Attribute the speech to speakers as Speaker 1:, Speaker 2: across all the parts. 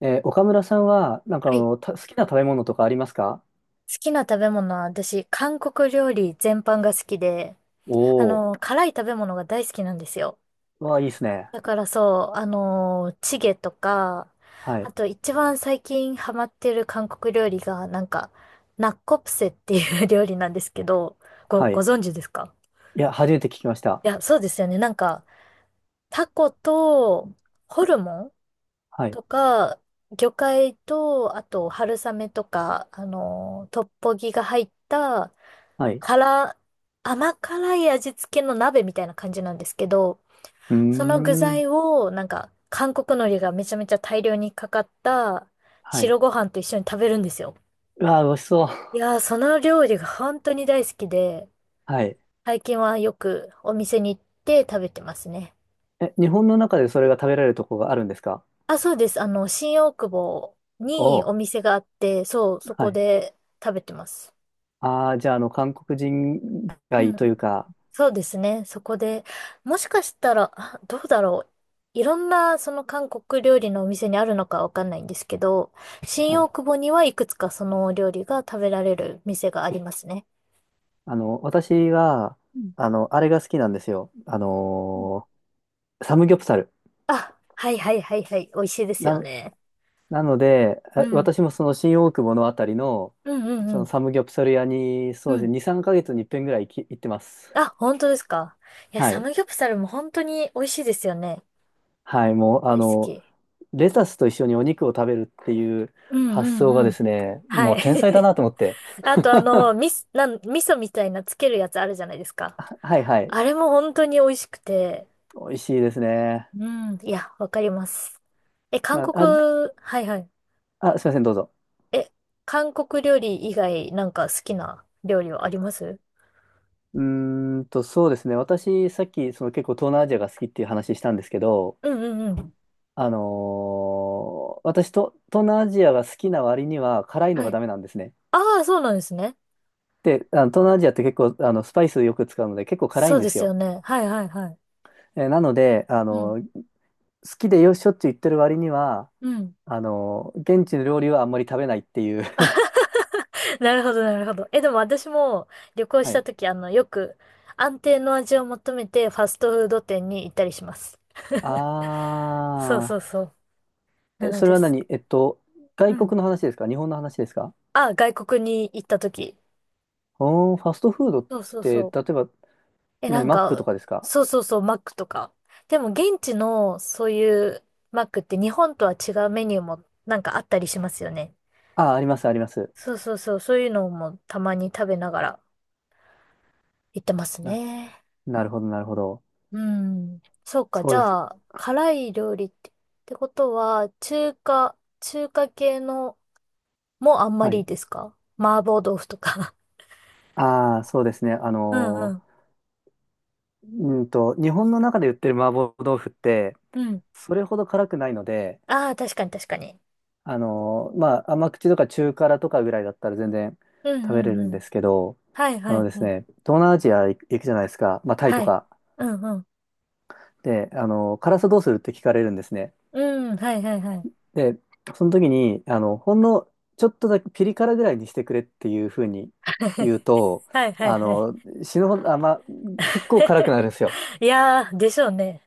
Speaker 1: 岡村さんは、
Speaker 2: はい、好
Speaker 1: 好きな食べ物とかありますか？
Speaker 2: きな食べ物は私、韓国料理全般が好きで、
Speaker 1: おー。
Speaker 2: 辛い食べ物が大好きなんですよ。
Speaker 1: わあ、いいですね。
Speaker 2: だからそう、チゲとか、
Speaker 1: は
Speaker 2: あ
Speaker 1: い、
Speaker 2: と一番最近ハマってる韓国料理が、ナッコプセっていう 料理なんですけど、
Speaker 1: は
Speaker 2: ご
Speaker 1: い。
Speaker 2: 存知ですか？
Speaker 1: いや、初めて聞きました。
Speaker 2: いや、そうですよね。なんか、タコとホルモン
Speaker 1: はい、
Speaker 2: とか、魚介と、あと春雨とか、トッポギが入った、
Speaker 1: はい。
Speaker 2: 辛、甘辛い味付けの鍋みたいな感じなんですけど、
Speaker 1: うー
Speaker 2: その具
Speaker 1: ん、
Speaker 2: 材を、なんか、韓国海苔がめちゃめちゃ大量にかかった
Speaker 1: はい。
Speaker 2: 白ご飯と一緒に食べるんですよ。
Speaker 1: うわあ、美味しそう。
Speaker 2: いやー、その料理が本当に大好きで、
Speaker 1: はい。
Speaker 2: 最近はよくお店に行って食べてますね。
Speaker 1: え、日本の中でそれが食べられるとこがあるんですか？
Speaker 2: あ、そうです。あの、新大久保
Speaker 1: お
Speaker 2: にお
Speaker 1: ー、
Speaker 2: 店があって、そう、そ
Speaker 1: は
Speaker 2: こ
Speaker 1: い。
Speaker 2: で食べてます。
Speaker 1: ああ、じゃあ、韓国人
Speaker 2: う
Speaker 1: 街とい
Speaker 2: ん、
Speaker 1: うか、
Speaker 2: そうですね。そこで、もしかしたら、あ、どうだろう。いろんな、その韓国料理のお店にあるのかわかんないんですけど、
Speaker 1: は
Speaker 2: 新
Speaker 1: い。
Speaker 2: 大久保にはいくつかそのお料理が食べられる店がありますね。
Speaker 1: 私は、
Speaker 2: うん
Speaker 1: あれが好きなんですよ。
Speaker 2: うん。
Speaker 1: サムギョプサル。
Speaker 2: あ、はいはいはいはい。美味しいですよ
Speaker 1: な、
Speaker 2: ね。
Speaker 1: なので、
Speaker 2: うん。
Speaker 1: 私もその新大久保のあたりの、
Speaker 2: うんうん
Speaker 1: そ
Speaker 2: う
Speaker 1: の
Speaker 2: ん。
Speaker 1: サムギョプサル屋に、
Speaker 2: う
Speaker 1: そうです
Speaker 2: ん。
Speaker 1: ね、2、3ヶ月に一遍ぐらい行ってます。
Speaker 2: あ、本当ですか。いや、
Speaker 1: は
Speaker 2: サ
Speaker 1: い。
Speaker 2: ムギョプサルも本当に美味しいですよね。
Speaker 1: はい、もう、
Speaker 2: 大好き。
Speaker 1: レタスと一緒にお肉を食べるっていう
Speaker 2: うん
Speaker 1: 発
Speaker 2: う
Speaker 1: 想が
Speaker 2: んう
Speaker 1: で
Speaker 2: ん。
Speaker 1: すね、
Speaker 2: は
Speaker 1: もう
Speaker 2: い。
Speaker 1: 天才だ なと思って。
Speaker 2: あとあの、みす、なん、味噌みたいなつけるやつあるじゃないですか。
Speaker 1: はいはい。
Speaker 2: あれも本当に美味しくて。
Speaker 1: 美味しいですね。
Speaker 2: うん。いや、わかります。え、韓
Speaker 1: なあ、
Speaker 2: 国、はいはい。
Speaker 1: あ、すいません、どうぞ。
Speaker 2: え、韓国料理以外なんか好きな料理はあります？
Speaker 1: そうですね。私、さっき、結構東南アジアが好きっていう話したんですけど、
Speaker 2: うんうんうん。
Speaker 1: 私と、東南アジアが好きな割には辛いの
Speaker 2: は
Speaker 1: が
Speaker 2: い。
Speaker 1: ダメなんですね。
Speaker 2: ああ、そうなんですね。
Speaker 1: で、あの東南アジアって結構あのスパイスよく使うので結構辛い
Speaker 2: そ
Speaker 1: ん
Speaker 2: う
Speaker 1: で
Speaker 2: で
Speaker 1: す
Speaker 2: すよ
Speaker 1: よ。
Speaker 2: ね。はいはいはい。
Speaker 1: なので、
Speaker 2: うん。
Speaker 1: 好きでしょっちゅう行ってる割には、
Speaker 2: うん。
Speaker 1: 現地の料理はあんまり食べないっていう。
Speaker 2: なるほど、なるほど。え、でも私も旅行し
Speaker 1: は
Speaker 2: た
Speaker 1: い。
Speaker 2: 時、よく安定の味を求めてファストフード店に行ったりします。そうそ
Speaker 1: あ
Speaker 2: うそう。
Speaker 1: ー。
Speaker 2: な
Speaker 1: え、
Speaker 2: の
Speaker 1: それ
Speaker 2: で
Speaker 1: は
Speaker 2: す。
Speaker 1: 何、
Speaker 2: う
Speaker 1: 外
Speaker 2: ん。
Speaker 1: 国の話ですか？日本の話ですか？
Speaker 2: あ、外国に行った時。
Speaker 1: おー、ファストフードっ
Speaker 2: そうそう
Speaker 1: て、
Speaker 2: そ
Speaker 1: 例
Speaker 2: う。
Speaker 1: えば、
Speaker 2: え、な
Speaker 1: 何、
Speaker 2: ん
Speaker 1: マックと
Speaker 2: か、
Speaker 1: かですか？
Speaker 2: そうそうそう、マックとか。でも現地のそういうマックって日本とは違うメニューもなんかあったりしますよね。
Speaker 1: あー、あります、あります。
Speaker 2: そうそうそう、そういうのもたまに食べながら行ってます
Speaker 1: な、
Speaker 2: ね。
Speaker 1: なるほど、なるほど。
Speaker 2: うん。そうか。じ
Speaker 1: そうです。
Speaker 2: ゃあ、辛い料理ってことは、中華系のもあんま
Speaker 1: は
Speaker 2: り
Speaker 1: い。
Speaker 2: ですか？麻婆豆腐とか。
Speaker 1: ああそうですね。
Speaker 2: うんうん。
Speaker 1: ー、日本の中で売ってる麻婆豆腐って、
Speaker 2: うん。
Speaker 1: それほど辛くないので、
Speaker 2: ああ、確かに確かに。
Speaker 1: まあ、甘口とか中辛とかぐらいだったら全然
Speaker 2: うん
Speaker 1: 食べ
Speaker 2: う
Speaker 1: れ
Speaker 2: ん
Speaker 1: る
Speaker 2: う
Speaker 1: ん
Speaker 2: ん。
Speaker 1: ですけど、
Speaker 2: はい
Speaker 1: あ
Speaker 2: は
Speaker 1: の
Speaker 2: い
Speaker 1: です
Speaker 2: はい。
Speaker 1: ね、東南アジア行くじゃないですか、まあ、タイ
Speaker 2: は
Speaker 1: と
Speaker 2: い。
Speaker 1: か。
Speaker 2: うんうん。
Speaker 1: で、辛さどうするって聞かれるんですね。
Speaker 2: うん、はいはいはい。
Speaker 1: で、その時に、ほんのちょっとだけピリ辛ぐらいにしてくれっていうふうに言う と、
Speaker 2: はいはい
Speaker 1: あ
Speaker 2: はい。
Speaker 1: の死ぬほど、あ、まあ、結構辛くなるんですよ。
Speaker 2: いやー、でしょうね。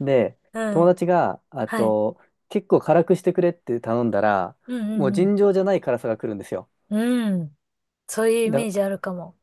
Speaker 1: で、
Speaker 2: う
Speaker 1: 友
Speaker 2: ん。
Speaker 1: 達が、あ
Speaker 2: はい。
Speaker 1: と、結構辛くしてくれって頼んだら、
Speaker 2: う
Speaker 1: もう
Speaker 2: んうん
Speaker 1: 尋常じゃない辛さが来るんですよ。
Speaker 2: うん。うん。そういうイメ
Speaker 1: だ、
Speaker 2: ージあるかも。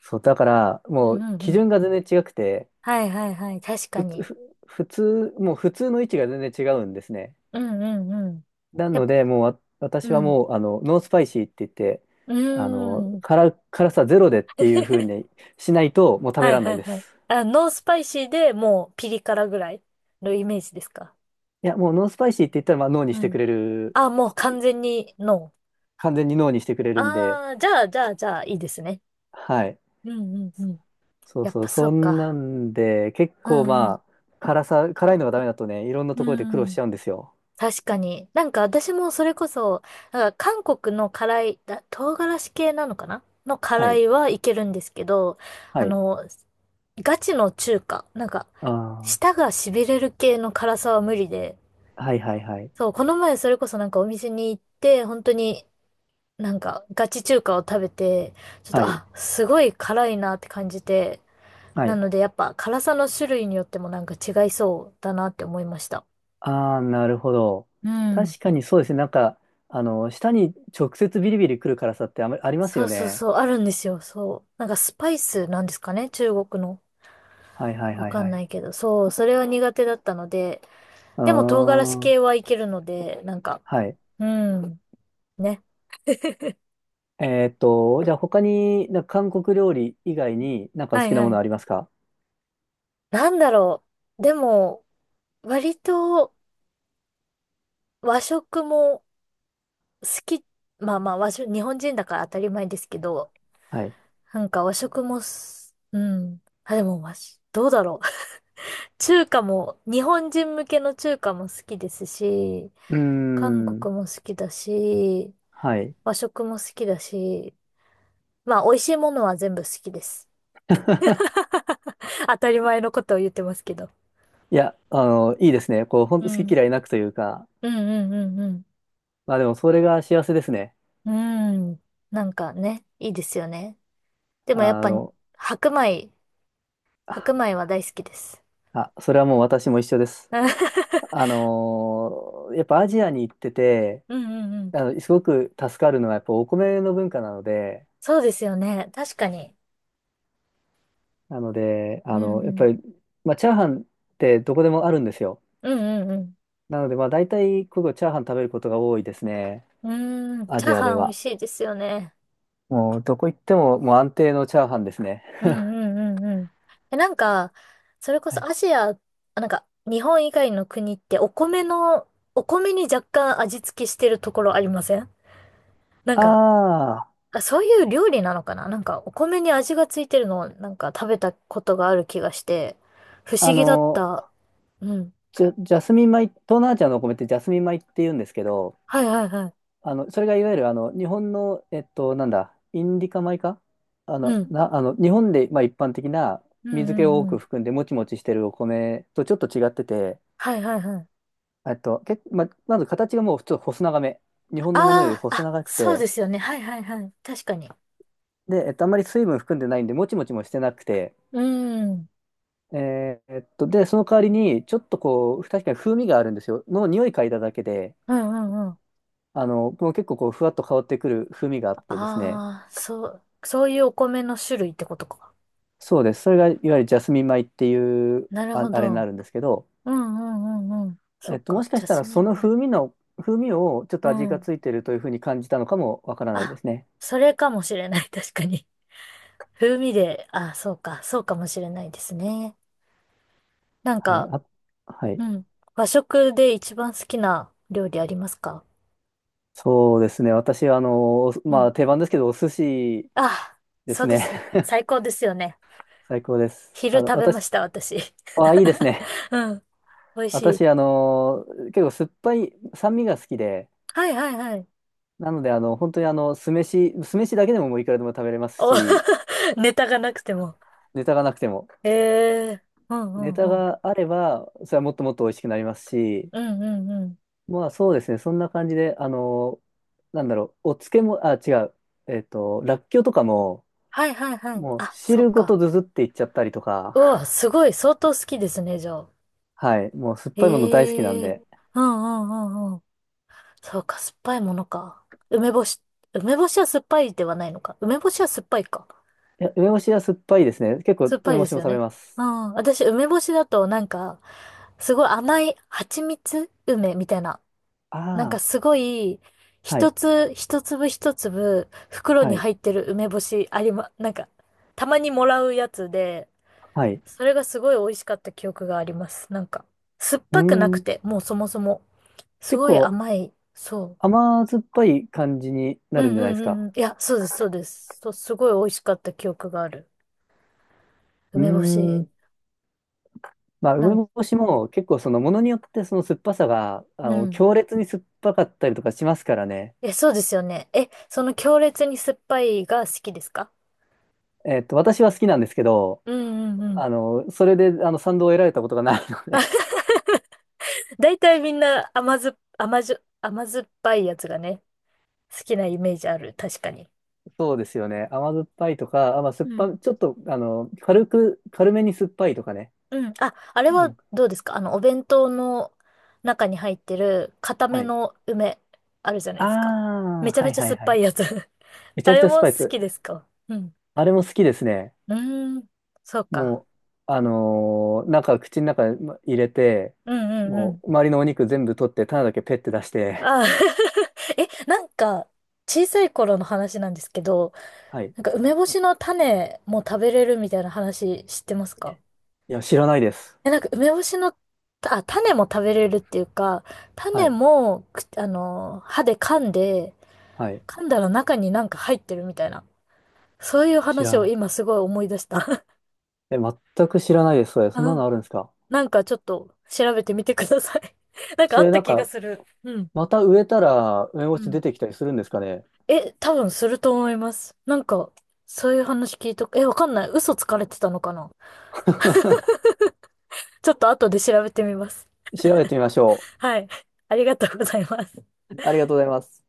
Speaker 1: そう、だから、
Speaker 2: う
Speaker 1: も
Speaker 2: ん
Speaker 1: う
Speaker 2: うんう
Speaker 1: 基
Speaker 2: ん。
Speaker 1: 準が全然違くて、
Speaker 2: はいはいはい。確か
Speaker 1: ふつ、
Speaker 2: に。
Speaker 1: ふ、普通、もう普通の位置が全然違うんですね。
Speaker 2: うんうんうん。
Speaker 1: な
Speaker 2: やっ
Speaker 1: ので、もう私
Speaker 2: う
Speaker 1: は
Speaker 2: ん。
Speaker 1: もう、ノースパイシーって言って、
Speaker 2: うーん。
Speaker 1: 辛さゼロでっていう風 にしないと、もう食べ
Speaker 2: はい
Speaker 1: られな
Speaker 2: は
Speaker 1: い
Speaker 2: い
Speaker 1: で
Speaker 2: はい。
Speaker 1: す。
Speaker 2: あ、ノースパイシーでもうピリ辛ぐらいのイメージですか？
Speaker 1: いや、もうノースパイシーって言ったら、まあ、脳に
Speaker 2: う
Speaker 1: してく
Speaker 2: ん。
Speaker 1: れる、
Speaker 2: あ、もう完全にノ
Speaker 1: 完全に脳にしてくれ
Speaker 2: ー。
Speaker 1: るんで、
Speaker 2: ああ、じゃあじゃあじゃあいいですね。
Speaker 1: はい。
Speaker 2: うんうんうん。
Speaker 1: そう
Speaker 2: やっ
Speaker 1: そう、
Speaker 2: ぱそ
Speaker 1: そ
Speaker 2: う
Speaker 1: んな
Speaker 2: か。
Speaker 1: んで、結
Speaker 2: う
Speaker 1: 構
Speaker 2: んうん。
Speaker 1: まあ、辛さ、辛いのがダメだとね、いろんなと
Speaker 2: う
Speaker 1: ころで苦労し
Speaker 2: ん。
Speaker 1: ちゃうんですよ。
Speaker 2: 確かに。なんか私もそれこそ、韓国の辛い、あ、唐辛子系なのかな、の
Speaker 1: は
Speaker 2: 辛
Speaker 1: い。
Speaker 2: いはいけるんですけど、
Speaker 1: は
Speaker 2: あ
Speaker 1: い。
Speaker 2: の、ガチの中華、
Speaker 1: あ
Speaker 2: 舌
Speaker 1: あ。
Speaker 2: が痺れる系の辛さは無理で、
Speaker 1: はいはいはい。
Speaker 2: そう、この前それこそなんかお店に行って、本当になんかガチ中華を食べて、ちょっ
Speaker 1: は
Speaker 2: と、
Speaker 1: い。
Speaker 2: あ、すごい辛いなって感じて、
Speaker 1: は
Speaker 2: な
Speaker 1: い。
Speaker 2: のでやっぱ辛さの種類によってもなんか違いそうだなって思いました。
Speaker 1: ああ、なるほど。
Speaker 2: うん。
Speaker 1: 確かにそうですね。舌に直接ビリビリ来る辛さってあまりあります
Speaker 2: そ
Speaker 1: よ
Speaker 2: うそう
Speaker 1: ね。
Speaker 2: そう、あるんですよ、そう。なんかスパイスなんですかね、中国の。
Speaker 1: はいはい
Speaker 2: わ
Speaker 1: はい
Speaker 2: か
Speaker 1: は
Speaker 2: んな
Speaker 1: い。
Speaker 2: いけど、そう、それは苦手だったので、
Speaker 1: う
Speaker 2: でも唐辛子
Speaker 1: ーん。
Speaker 2: 系はいけるので、なんか、
Speaker 1: はい。
Speaker 2: うん、ね。
Speaker 1: じゃあ他に、なんか韓国料理以外になんか
Speaker 2: は
Speaker 1: 好
Speaker 2: い
Speaker 1: きな
Speaker 2: は
Speaker 1: もの
Speaker 2: い。
Speaker 1: ありますか？
Speaker 2: なんだろう。でも、割と和食も好き、まあまあ和食、日本人だから当たり前ですけど、
Speaker 1: はい。
Speaker 2: なんか和食もす、うん。あ、でも和食、どうだろう。中華も、日本人向けの中華も好きですし、
Speaker 1: うー
Speaker 2: 韓
Speaker 1: ん。
Speaker 2: 国も好きだし、
Speaker 1: はい。
Speaker 2: 和食も好きだし、まあ、美味しいものは全部好きです。当たり前のことを言ってますけど。
Speaker 1: いや、いいですね。こう、ほん
Speaker 2: う
Speaker 1: と好き
Speaker 2: ん。
Speaker 1: 嫌いなくというか、
Speaker 2: うんうんうん
Speaker 1: まあでもそれが幸せですね。
Speaker 2: うん。うん。なんかね、いいですよね。でもやっ
Speaker 1: あ
Speaker 2: ぱ、
Speaker 1: の、
Speaker 2: 白米、白米は大好きです。
Speaker 1: それはもう私も一緒です。やっぱアジアに行ってて、
Speaker 2: うんうんうん。
Speaker 1: すごく助かるのはやっぱお米の文化なので、
Speaker 2: そうですよね。確かに。
Speaker 1: なので、
Speaker 2: うんう
Speaker 1: やっぱ
Speaker 2: ん。
Speaker 1: り、まあ、チャーハンってどこでもあるんですよ。
Speaker 2: うんうん
Speaker 1: なので、まあ、大体、ここチャーハン食べることが多いですね。
Speaker 2: うん。うーん。
Speaker 1: ア
Speaker 2: チャ
Speaker 1: ジ
Speaker 2: ー
Speaker 1: アで
Speaker 2: ハン美味
Speaker 1: は。
Speaker 2: しいですよね。
Speaker 1: もう、どこ行っても、もう安定のチャーハンですね。
Speaker 2: うんうんうんうん。え、なんか、それこ
Speaker 1: は
Speaker 2: そ
Speaker 1: い、
Speaker 2: アジア、あ、なんか、日本以外の国ってお米の、お米に若干味付けしてるところありません？なんか、
Speaker 1: あ
Speaker 2: あ、そういう料理なのかな、なんか、お米に味がついてるのをなんか食べたことがある気がして、不
Speaker 1: あ、
Speaker 2: 思議だった。うん。
Speaker 1: ジャスミン米、東南アジアのお米ってジャスミン米って言うんですけど、
Speaker 2: はいはいはい。
Speaker 1: それがいわゆる日本の、なんだ、インディカ米か、あ
Speaker 2: う
Speaker 1: の、
Speaker 2: ん。
Speaker 1: な、あの、日本で、まあ、一般的な
Speaker 2: うん
Speaker 1: 水
Speaker 2: う
Speaker 1: 気を多
Speaker 2: んう
Speaker 1: く
Speaker 2: ん。
Speaker 1: 含んでもちもちしてるお米とちょっと違ってて、
Speaker 2: はいはいはい。
Speaker 1: まず形がもう普通細長め。日本
Speaker 2: あ
Speaker 1: のものより
Speaker 2: あ、
Speaker 1: 細
Speaker 2: あ、
Speaker 1: 長く
Speaker 2: そうで
Speaker 1: て、
Speaker 2: すよね。はいはいはい。確かに。
Speaker 1: で、あんまり水分含んでないんで、もちもちもしてなくて、
Speaker 2: うん。うん
Speaker 1: で、その代わりに、ちょっとこう、確かに風味があるんですよ。の匂い嗅いだだけで、
Speaker 2: うんうん。
Speaker 1: もう結構こう、ふわっと香ってくる風味があってですね、
Speaker 2: ああ、そう、そういうお米の種類ってことか。
Speaker 1: そうです。それがいわゆるジャスミン米っていう
Speaker 2: なるほ
Speaker 1: あれにな
Speaker 2: ど。
Speaker 1: るんですけど、
Speaker 2: うんうんうんうん。そっ
Speaker 1: も
Speaker 2: か、
Speaker 1: しか
Speaker 2: ジ
Speaker 1: し
Speaker 2: ャ
Speaker 1: たら
Speaker 2: スミ
Speaker 1: そ
Speaker 2: ン
Speaker 1: の
Speaker 2: 米。
Speaker 1: 風味の、風味をちょっと
Speaker 2: う
Speaker 1: 味が
Speaker 2: ん。
Speaker 1: ついてるというふうに感じたのかもわからないで
Speaker 2: あ、
Speaker 1: すね。
Speaker 2: それかもしれない、確かに。風味で、あ、そうか、そうかもしれないですね。なん
Speaker 1: はい。
Speaker 2: か、
Speaker 1: あ、はい。
Speaker 2: うん。和食で一番好きな料理ありますか？
Speaker 1: そうですね。私は、
Speaker 2: う
Speaker 1: ま
Speaker 2: ん。
Speaker 1: あ、定番ですけど、お寿司
Speaker 2: あ、
Speaker 1: で
Speaker 2: そ
Speaker 1: す
Speaker 2: うで
Speaker 1: ね。
Speaker 2: す。最高ですよね。
Speaker 1: 最高です。
Speaker 2: 昼食べま
Speaker 1: 私、
Speaker 2: した、私。
Speaker 1: あ、いいです ね。
Speaker 2: うん。美味しい。
Speaker 1: 私、結構酸っぱい、酸味が好きで、
Speaker 2: はいはいはい。
Speaker 1: なので、本当に酢飯、酢飯だけでももういくらでも食べれます
Speaker 2: お、
Speaker 1: し、
Speaker 2: ネタがなくても。
Speaker 1: ネタがなくても。
Speaker 2: ええ、うんう
Speaker 1: ネタ
Speaker 2: んうん。
Speaker 1: があれば、それはもっともっと美味しくなりますし、
Speaker 2: うんうんうん。
Speaker 1: まあそうですね、そんな感じで、なんだろう、お漬物、あ、違う、らっきょうとかも、
Speaker 2: はいはいはい。
Speaker 1: もう
Speaker 2: あ、そっ
Speaker 1: 汁ご
Speaker 2: か。
Speaker 1: とずずっていっちゃったりとか、
Speaker 2: うわ、すごい、相当好きですね、じゃあ。
Speaker 1: はい、もう酸っぱいもの大好きなん
Speaker 2: ええ、
Speaker 1: で、
Speaker 2: うんうんうんうん。そうか、酸っぱいものか。梅干し、梅干しは酸っぱいではないのか。梅干しは酸っぱいか。
Speaker 1: いや、梅干しは酸っぱいですね。結構
Speaker 2: 酸っぱ
Speaker 1: 梅
Speaker 2: い
Speaker 1: 干
Speaker 2: で
Speaker 1: し
Speaker 2: す
Speaker 1: も
Speaker 2: よ
Speaker 1: 食べ
Speaker 2: ね。
Speaker 1: ま
Speaker 2: う
Speaker 1: す。
Speaker 2: ん。私、梅干しだとなんか、すごい甘い蜂蜜梅みたいな、なんか
Speaker 1: ああ、
Speaker 2: すごい、
Speaker 1: はい、
Speaker 2: 一粒一粒、袋
Speaker 1: は
Speaker 2: に
Speaker 1: い、
Speaker 2: 入ってる梅干しありま、なんか、たまにもらうやつで、
Speaker 1: はい。
Speaker 2: それがすごい美味しかった記憶があります。なんか、酸っ
Speaker 1: うー
Speaker 2: ぱくなく
Speaker 1: ん、
Speaker 2: て、もうそもそも。す
Speaker 1: 結
Speaker 2: ごい
Speaker 1: 構
Speaker 2: 甘い。そ
Speaker 1: 甘酸っぱい感じにな
Speaker 2: う。う
Speaker 1: るん
Speaker 2: ん
Speaker 1: じゃ
Speaker 2: う
Speaker 1: ないで
Speaker 2: ん
Speaker 1: す
Speaker 2: うん
Speaker 1: か。
Speaker 2: うん。いや、そうです、そうです。そう、すごい美味しかった記憶がある。
Speaker 1: うー
Speaker 2: 梅干し。
Speaker 1: ん、まあ、
Speaker 2: な
Speaker 1: 梅
Speaker 2: んか、
Speaker 1: 干しも結構そのものによってその酸っぱさが、
Speaker 2: うん。
Speaker 1: 強烈に酸っぱかったりとかしますからね。
Speaker 2: え、そうですよね。え、その強烈に酸っぱいが好きですか？
Speaker 1: 私は好きなんですけど、
Speaker 2: うんうんうん。
Speaker 1: それで賛同を得られたことがないので。
Speaker 2: 大体みんな甘酸っぱいやつがね、好きなイメージある。確かに。
Speaker 1: そうですよね。甘酸っぱいとか、あ、まあ、酸
Speaker 2: う
Speaker 1: っぱ、
Speaker 2: ん。
Speaker 1: ちょっと、軽く、軽めに酸っぱいとかね。
Speaker 2: うん。あ、あれ
Speaker 1: う
Speaker 2: は
Speaker 1: ん。
Speaker 2: どうですか？あの、お弁当の中に入ってる固め
Speaker 1: はい。
Speaker 2: の梅、あるじゃな
Speaker 1: あ
Speaker 2: いですか。め
Speaker 1: あ、
Speaker 2: ちゃ
Speaker 1: は
Speaker 2: め
Speaker 1: い
Speaker 2: ちゃ
Speaker 1: はい
Speaker 2: 酸っ
Speaker 1: は
Speaker 2: ぱい
Speaker 1: い。
Speaker 2: やつ。
Speaker 1: めち
Speaker 2: あ
Speaker 1: ゃく
Speaker 2: れ
Speaker 1: ちゃス
Speaker 2: も
Speaker 1: パイ
Speaker 2: 好
Speaker 1: ス。
Speaker 2: きですか？うん。
Speaker 1: あれも好きですね。
Speaker 2: うーん。そうか。
Speaker 1: もう、口の中に入れて、
Speaker 2: うんうんう
Speaker 1: も
Speaker 2: ん。
Speaker 1: う、周りのお肉全部取って、種だけペッて出して、
Speaker 2: あー。 え、なんか、小さい頃の話なんですけど、
Speaker 1: はい。
Speaker 2: なんか梅干しの種も食べれるみたいな話知ってますか？
Speaker 1: いや、知らないです。
Speaker 2: え、なんか梅干しの、あ、種も食べれるっていうか、
Speaker 1: は
Speaker 2: 種
Speaker 1: い。
Speaker 2: も、くあの、歯で噛んで、
Speaker 1: はい。
Speaker 2: 噛んだら中になんか入ってるみたいな。そういう
Speaker 1: 知
Speaker 2: 話
Speaker 1: ら
Speaker 2: を
Speaker 1: ない。
Speaker 2: 今すごい思い出した。
Speaker 1: え、全く知らないです。そん
Speaker 2: あ、
Speaker 1: なのあるんですか？
Speaker 2: なんかちょっと調べてみてください。なんかあ
Speaker 1: そ
Speaker 2: っ
Speaker 1: れ
Speaker 2: た気がする。うん。
Speaker 1: また植えたら、梅干
Speaker 2: う
Speaker 1: し出
Speaker 2: ん。
Speaker 1: てきたりするんですかね？
Speaker 2: え、多分すると思います。なんか、そういう話聞いとく。え、わかんない。嘘つかれてたのかな？ ちょっと後で調べてみます。
Speaker 1: 調べてみましょ
Speaker 2: はい。ありがとうございます。
Speaker 1: う。ありがとうございます。